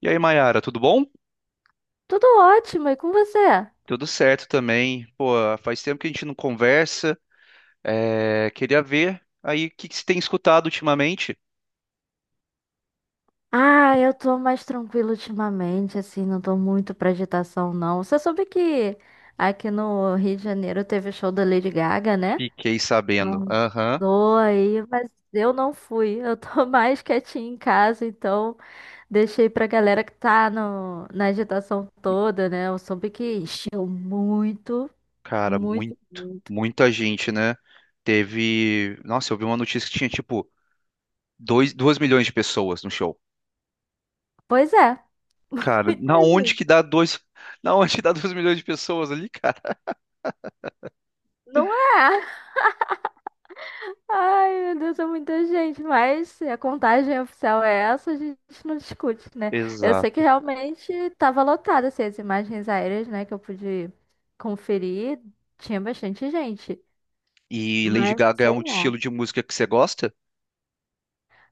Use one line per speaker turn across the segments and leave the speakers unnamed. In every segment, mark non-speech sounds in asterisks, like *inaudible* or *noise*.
E aí, Mayara, tudo bom?
Tudo ótimo, e com você?
Tudo certo também. Pô, faz tempo que a gente não conversa. É, queria ver aí o que que você tem escutado ultimamente.
Ah, eu tô mais tranquila ultimamente, assim, não tô muito pra agitação, não. Você soube que aqui no Rio de Janeiro teve o show da Lady Gaga, né?
Fiquei sabendo.
Não.
Aham.
Tô aí, mas eu não fui. Eu tô *laughs* mais quietinha em casa, então deixei pra galera que tá no, na agitação toda, né? Eu soube que encheu muito,
Cara,
muito, muito.
muita gente, né? Teve. Nossa, eu vi uma notícia que tinha tipo dois milhões de pessoas no show.
Pois é, *laughs*
Cara,
muita
na onde
gente.
que dá 2? *laughs* Na onde que dá 2 milhões de pessoas ali, cara?
Não é? Ai, meu Deus, é muita gente, mas se a contagem oficial é essa, a gente não discute, né? Eu sei que
Exato.
realmente estava lotada, assim, as imagens aéreas, né, que eu pude conferir, tinha bastante gente,
E Lady
mas
Gaga é
sei
um
lá.
estilo de música que você gosta?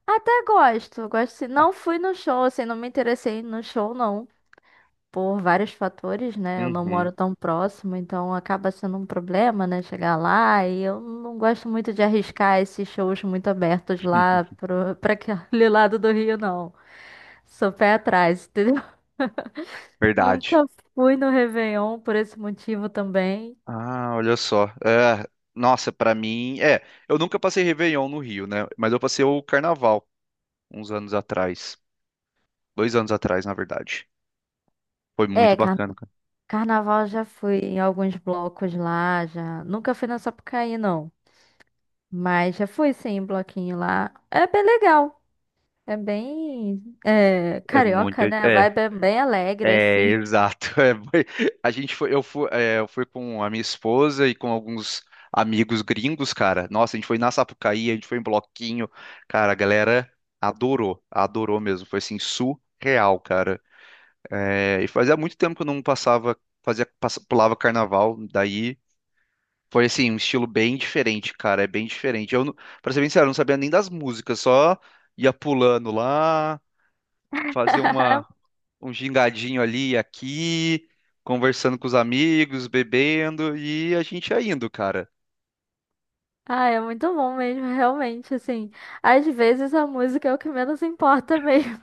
Até gosto, gosto, assim, não fui no show, assim, não me interessei no show, não, por vários fatores, né? Eu não
Uhum.
moro tão próximo, então acaba sendo um problema, né? Chegar lá, e eu não gosto muito de arriscar esses shows muito abertos
*laughs*
lá pra aquele *laughs* lado do Rio, não. Sou pé atrás, entendeu? *laughs*
Verdade.
Nunca fui no Réveillon por esse motivo também.
Ah, olha só. É, nossa, pra mim, eu nunca passei Réveillon no Rio, né? Mas eu passei o Carnaval uns anos atrás, 2 anos atrás, na verdade. Foi muito
É,
bacana, cara.
carnaval já fui em alguns blocos lá, já. Nunca fui na Sapucaí, não. Mas já fui sim, em bloquinho lá. É bem legal. É bem
É muito,
carioca, né? A vibe é bem alegre,
é,
assim.
exato. *laughs* A gente foi, eu fui com a minha esposa e com alguns amigos gringos, cara. Nossa, a gente foi na Sapucaí, a gente foi em bloquinho, cara. A galera adorou, adorou mesmo. Foi assim surreal, cara. É, e fazia muito tempo que eu não passava, pulava carnaval, daí foi assim, um estilo bem diferente, cara, é bem diferente. Eu, não- Pra ser bem sincero, eu não sabia nem das músicas, só ia pulando lá, fazia uma,
*laughs*
um gingadinho ali e aqui, conversando com os amigos, bebendo, e a gente ia indo, cara.
Ah, é muito bom mesmo, realmente, assim. Às vezes a música é o que menos importa mesmo.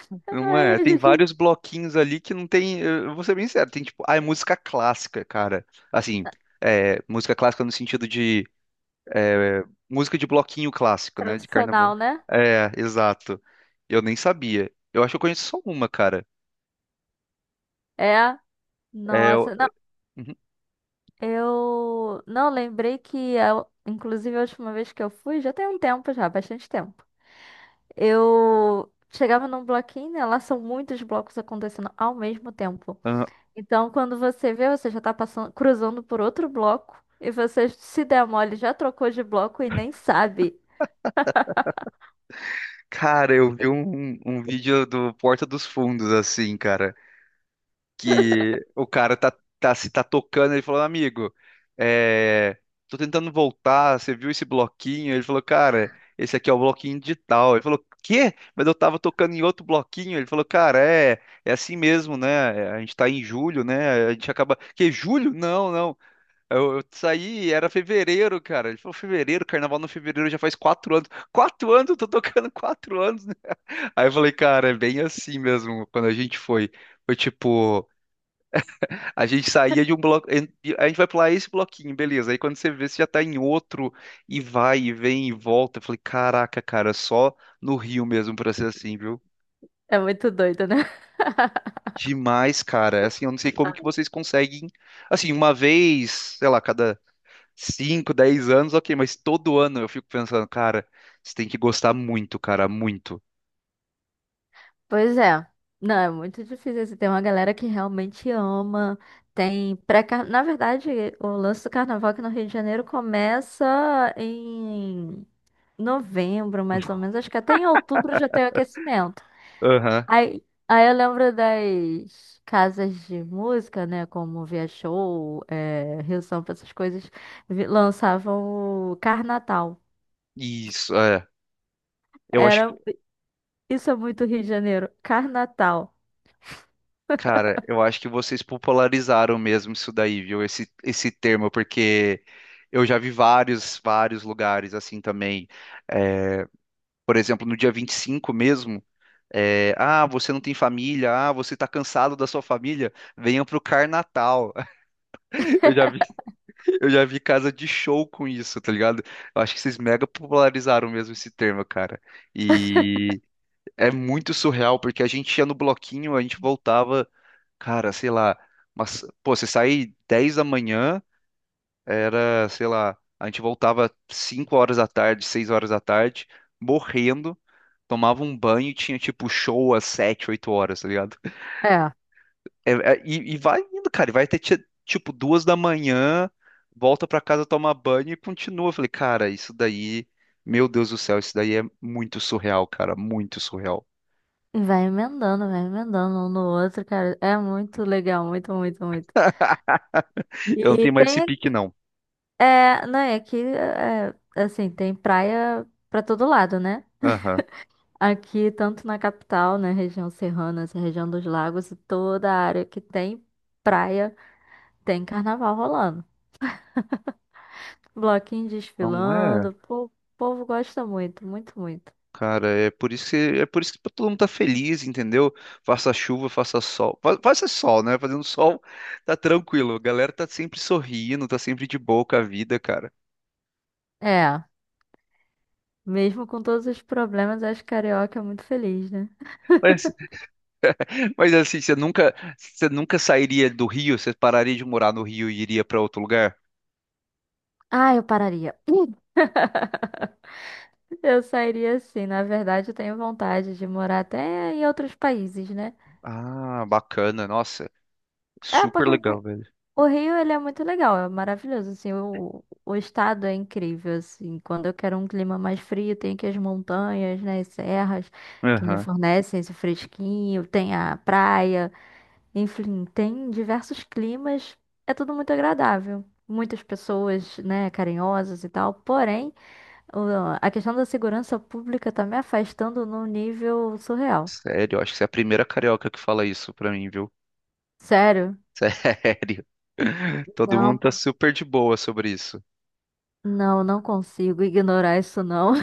*laughs*
Não
Ai,
é,
a
tem
gente...
vários bloquinhos ali que não tem, eu vou ser bem sincero, tem tipo, ah, é música clássica, cara. Assim, é, música clássica no sentido de É, música de bloquinho clássico, né? De
Tradicional,
carnaval.
né?
É, exato. Eu nem sabia. Eu acho que eu conheço só uma, cara.
É.
É, eu-
Nossa, não,
Uhum.
eu não lembrei que, inclusive, a última vez que eu fui, já tem um tempo já, bastante tempo. Eu chegava num bloquinho, né? Lá são muitos blocos acontecendo ao mesmo tempo.
Ah,
Então, quando você vê, você já tá passando, cruzando por outro bloco, e você se der mole, já trocou de bloco e nem sabe.
cara, eu vi um vídeo do Porta dos Fundos, assim, cara. Que o cara tá, tá se tá tocando, ele falou, amigo, é, tô tentando voltar, você viu esse bloquinho? Ele falou, cara, esse aqui é o bloquinho digital. Ele falou, quê? Mas eu tava tocando em outro bloquinho. Ele falou, cara, é, é assim mesmo, né? É, a gente tá em julho, né? A gente acaba. Que, julho? Não, não. Eu saí, era fevereiro, cara. Ele falou, fevereiro, carnaval no fevereiro já faz 4 anos. 4 anos, eu tô tocando 4 anos. Né? Aí eu falei, cara, é bem assim mesmo, quando a gente foi. Foi tipo. A gente saía de um bloco. A gente vai pular esse bloquinho, beleza. Aí quando você vê, você já tá em outro e vai e vem e volta. Eu falei, caraca, cara, só no Rio mesmo pra ser assim, viu?
É muito doido, né? *laughs*
Demais, cara. É assim, eu não sei como que vocês conseguem. Assim, uma vez, sei lá, cada 5, 10 anos, ok, mas todo ano eu fico pensando, cara, você tem que gostar muito, cara, muito.
Pois é. Não, é muito difícil, assim. Tem uma galera que realmente ama. Tem pré -car... Na verdade, o lance do carnaval aqui no Rio de Janeiro começa em novembro, mais ou
*laughs*
menos. Acho que até em outubro já tem o aquecimento.
Aham.
Aí eu lembro das casas de música, né? Como Via Show, é, Rio Sampa, essas coisas, lançavam o Carnatal.
Isso, é. Eu acho
Era, isso é muito Rio de Janeiro, Carnatal.
cara, eu acho que vocês popularizaram mesmo isso daí, viu? Esse termo, porque eu já vi vários, vários lugares assim também. É, por exemplo, no dia 25, mesmo, é, ah, você não tem família, ah, você tá cansado da sua família, venha pro Carnatal. *laughs* Eu já vi, eu já vi casa de show com isso, tá ligado? Eu acho que vocês mega popularizaram mesmo esse termo, cara. É muito surreal, porque a gente ia no bloquinho, a gente voltava, cara, sei lá, mas, pô, você sair 10 da manhã, era, sei lá, a gente voltava 5 horas da tarde, 6 horas da tarde, morrendo, tomava um banho e tinha, tipo, show às 7, 8 horas, tá ligado?
É.
E, vai indo, cara, e vai até, tipo, 2 da manhã, volta pra casa tomar banho e continua. Eu falei, cara, isso daí, meu Deus do céu, isso daí é muito surreal, cara, muito surreal.
Vai emendando um no outro, cara. É muito legal, muito, muito, muito.
Eu não
E
tenho mais
tem,
esse pique, não.
é, não, é que, é, assim, tem praia pra todo lado, né?
Aham.
Aqui, tanto na capital, na região serrana, essa região dos lagos, e toda a área que tem praia, tem carnaval rolando. Bloquinho
Não é,
desfilando, pô, o povo gosta muito, muito, muito.
cara, é por isso que tá todo mundo tá feliz, entendeu? Faça chuva, faça sol. Faça sol, né? Fazendo sol, tá tranquilo. A galera tá sempre sorrindo, tá sempre de boa com a vida, cara.
É, mesmo com todos os problemas, acho que carioca é muito feliz, né?
*laughs* Mas, mas assim, você nunca sairia do Rio, você pararia de morar no Rio e iria pra outro lugar?
Ah, eu pararia. *laughs* Eu sairia sim, na verdade, eu tenho vontade de morar até em outros países, né?
Ah, bacana, nossa,
É,
super
porque assim,
legal, velho.
o Rio, ele é muito legal, é maravilhoso, assim, o estado é incrível, assim, quando eu quero um clima mais frio, tem aqui as montanhas, né, as serras que me
Aham.
fornecem esse fresquinho, tem a praia, enfim, tem diversos climas, é tudo muito agradável. Muitas pessoas, né, carinhosas e tal, porém, a questão da segurança pública tá me afastando num nível surreal.
Sério, acho que você é a primeira carioca que fala isso pra mim, viu?
Sério?
*laughs* Sério. Todo
Não,
mundo tá
pô,
super de boa sobre isso.
não, não consigo ignorar isso, não.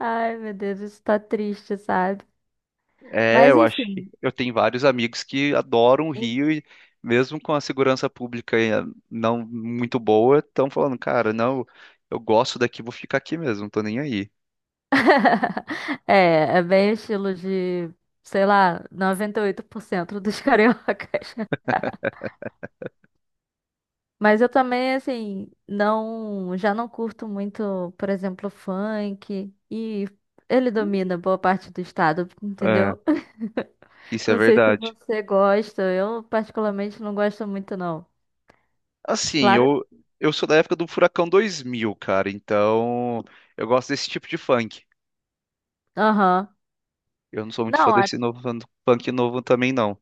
Ai, meu Deus, isso tá triste, sabe?
É,
Mas
eu acho que
enfim,
eu tenho vários amigos que adoram o Rio e mesmo com a segurança pública não muito boa, estão falando, cara, não, eu gosto daqui, vou ficar aqui mesmo, não tô nem aí.
é, é bem estilo de, sei lá, 98% dos cariocas. *laughs* Mas eu também, assim, não, já não curto muito, por exemplo, funk. E ele domina boa parte do estado,
É,
entendeu? *laughs*
isso é
Não sei se
verdade.
você gosta, eu particularmente não gosto muito, não.
Assim,
Claro.
eu sou da época do Furacão 2000, cara, então eu gosto desse tipo de funk.
Aham.
Eu não sou muito fã
Não,
desse novo funk novo também não.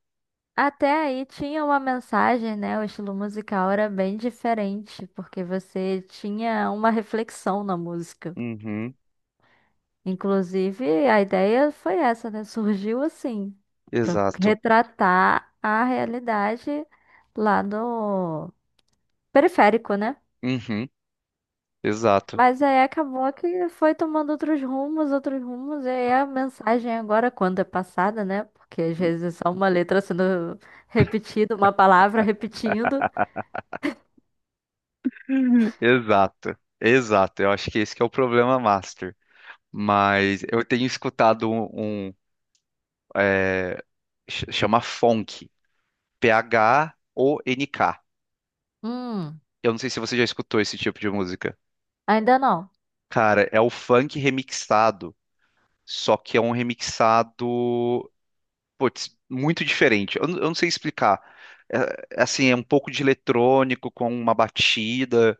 até aí tinha uma mensagem, né? O estilo musical era bem diferente, porque você tinha uma reflexão na música.
Uhum,
Inclusive, a ideia foi essa, né? Surgiu assim, para
exato.
retratar a realidade lá do periférico, né?
Uhum, exato.
Mas aí acabou que foi tomando outros rumos, e aí a mensagem agora, quando é passada, né? Porque às vezes é só uma letra sendo repetida, uma palavra repetindo.
*laughs* Exato. Exato. Eu acho que esse que é o problema master. Mas eu tenho escutado um, é, chama funk, PHONK.
Hum.
Eu não sei se você já escutou esse tipo de música.
Ainda não.
Cara, é o funk remixado, só que é um remixado, putz, muito diferente. Eu não sei explicar. É, é assim, é um pouco de eletrônico com uma batida,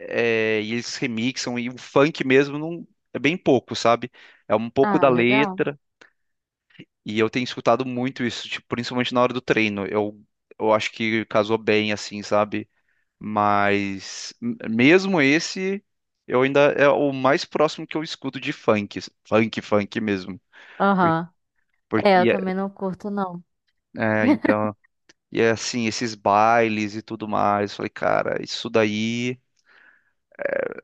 é, e eles remixam, e o funk mesmo não, é bem pouco, sabe? É um pouco
Ah,
da
legal.
letra. E eu tenho escutado muito isso, tipo, principalmente na hora do treino. Eu acho que casou bem, assim, sabe? Mas mesmo esse, eu ainda é o mais próximo que eu escuto de funk, funk mesmo. Por-
Aham. É, eu
e é,
também não curto, não.
é,
*laughs*
então, e é assim, esses bailes e tudo mais. Falei, cara, isso daí,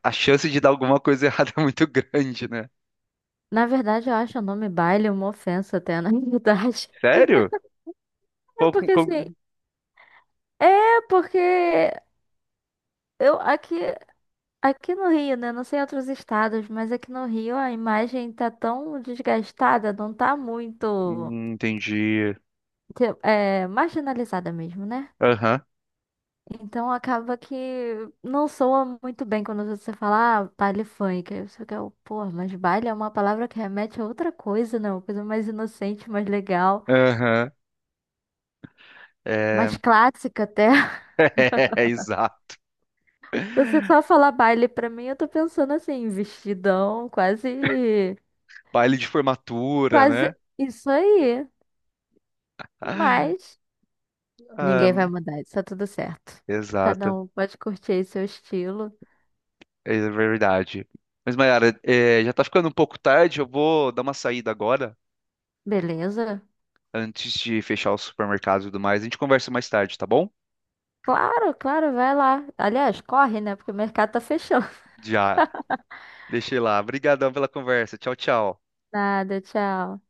a chance de dar alguma coisa *laughs* errada é muito grande, né?
Na verdade, eu acho o nome baile uma ofensa até, na *laughs* verdade.
Sério?
É
Qual-
porque assim,
como-
é porque eu aqui, aqui no Rio, né? Não sei em outros estados, mas aqui no Rio a imagem tá tão desgastada, não tá muito,
Entendi.
tipo, é, marginalizada mesmo, né?
Aham,
Então acaba que não soa muito bem quando você fala, ah, baile funk. Aí você fica, pô, mas baile é uma palavra que remete a outra coisa, não? Uma coisa mais inocente, mais legal,
aham. É,
mais clássica até. *laughs*
*laughs* é, exato.
Você só falar baile pra mim, eu tô pensando assim, vestidão, quase,
Baile de formatura,
quase
né?
isso aí.
Ah,
Mas
ah,
ninguém vai mudar, isso tá tudo certo. Cada
exato,
um pode curtir aí seu estilo,
é verdade. Mas, Mayara, é, já tá ficando um pouco tarde, eu vou dar uma saída agora,
beleza?
antes de fechar o supermercado e tudo mais. A gente conversa mais tarde, tá bom?
Claro, claro, vai lá. Aliás, corre, né? Porque o mercado tá fechando.
Já, deixei lá. Obrigadão pela conversa. Tchau, tchau.
Nada, tchau.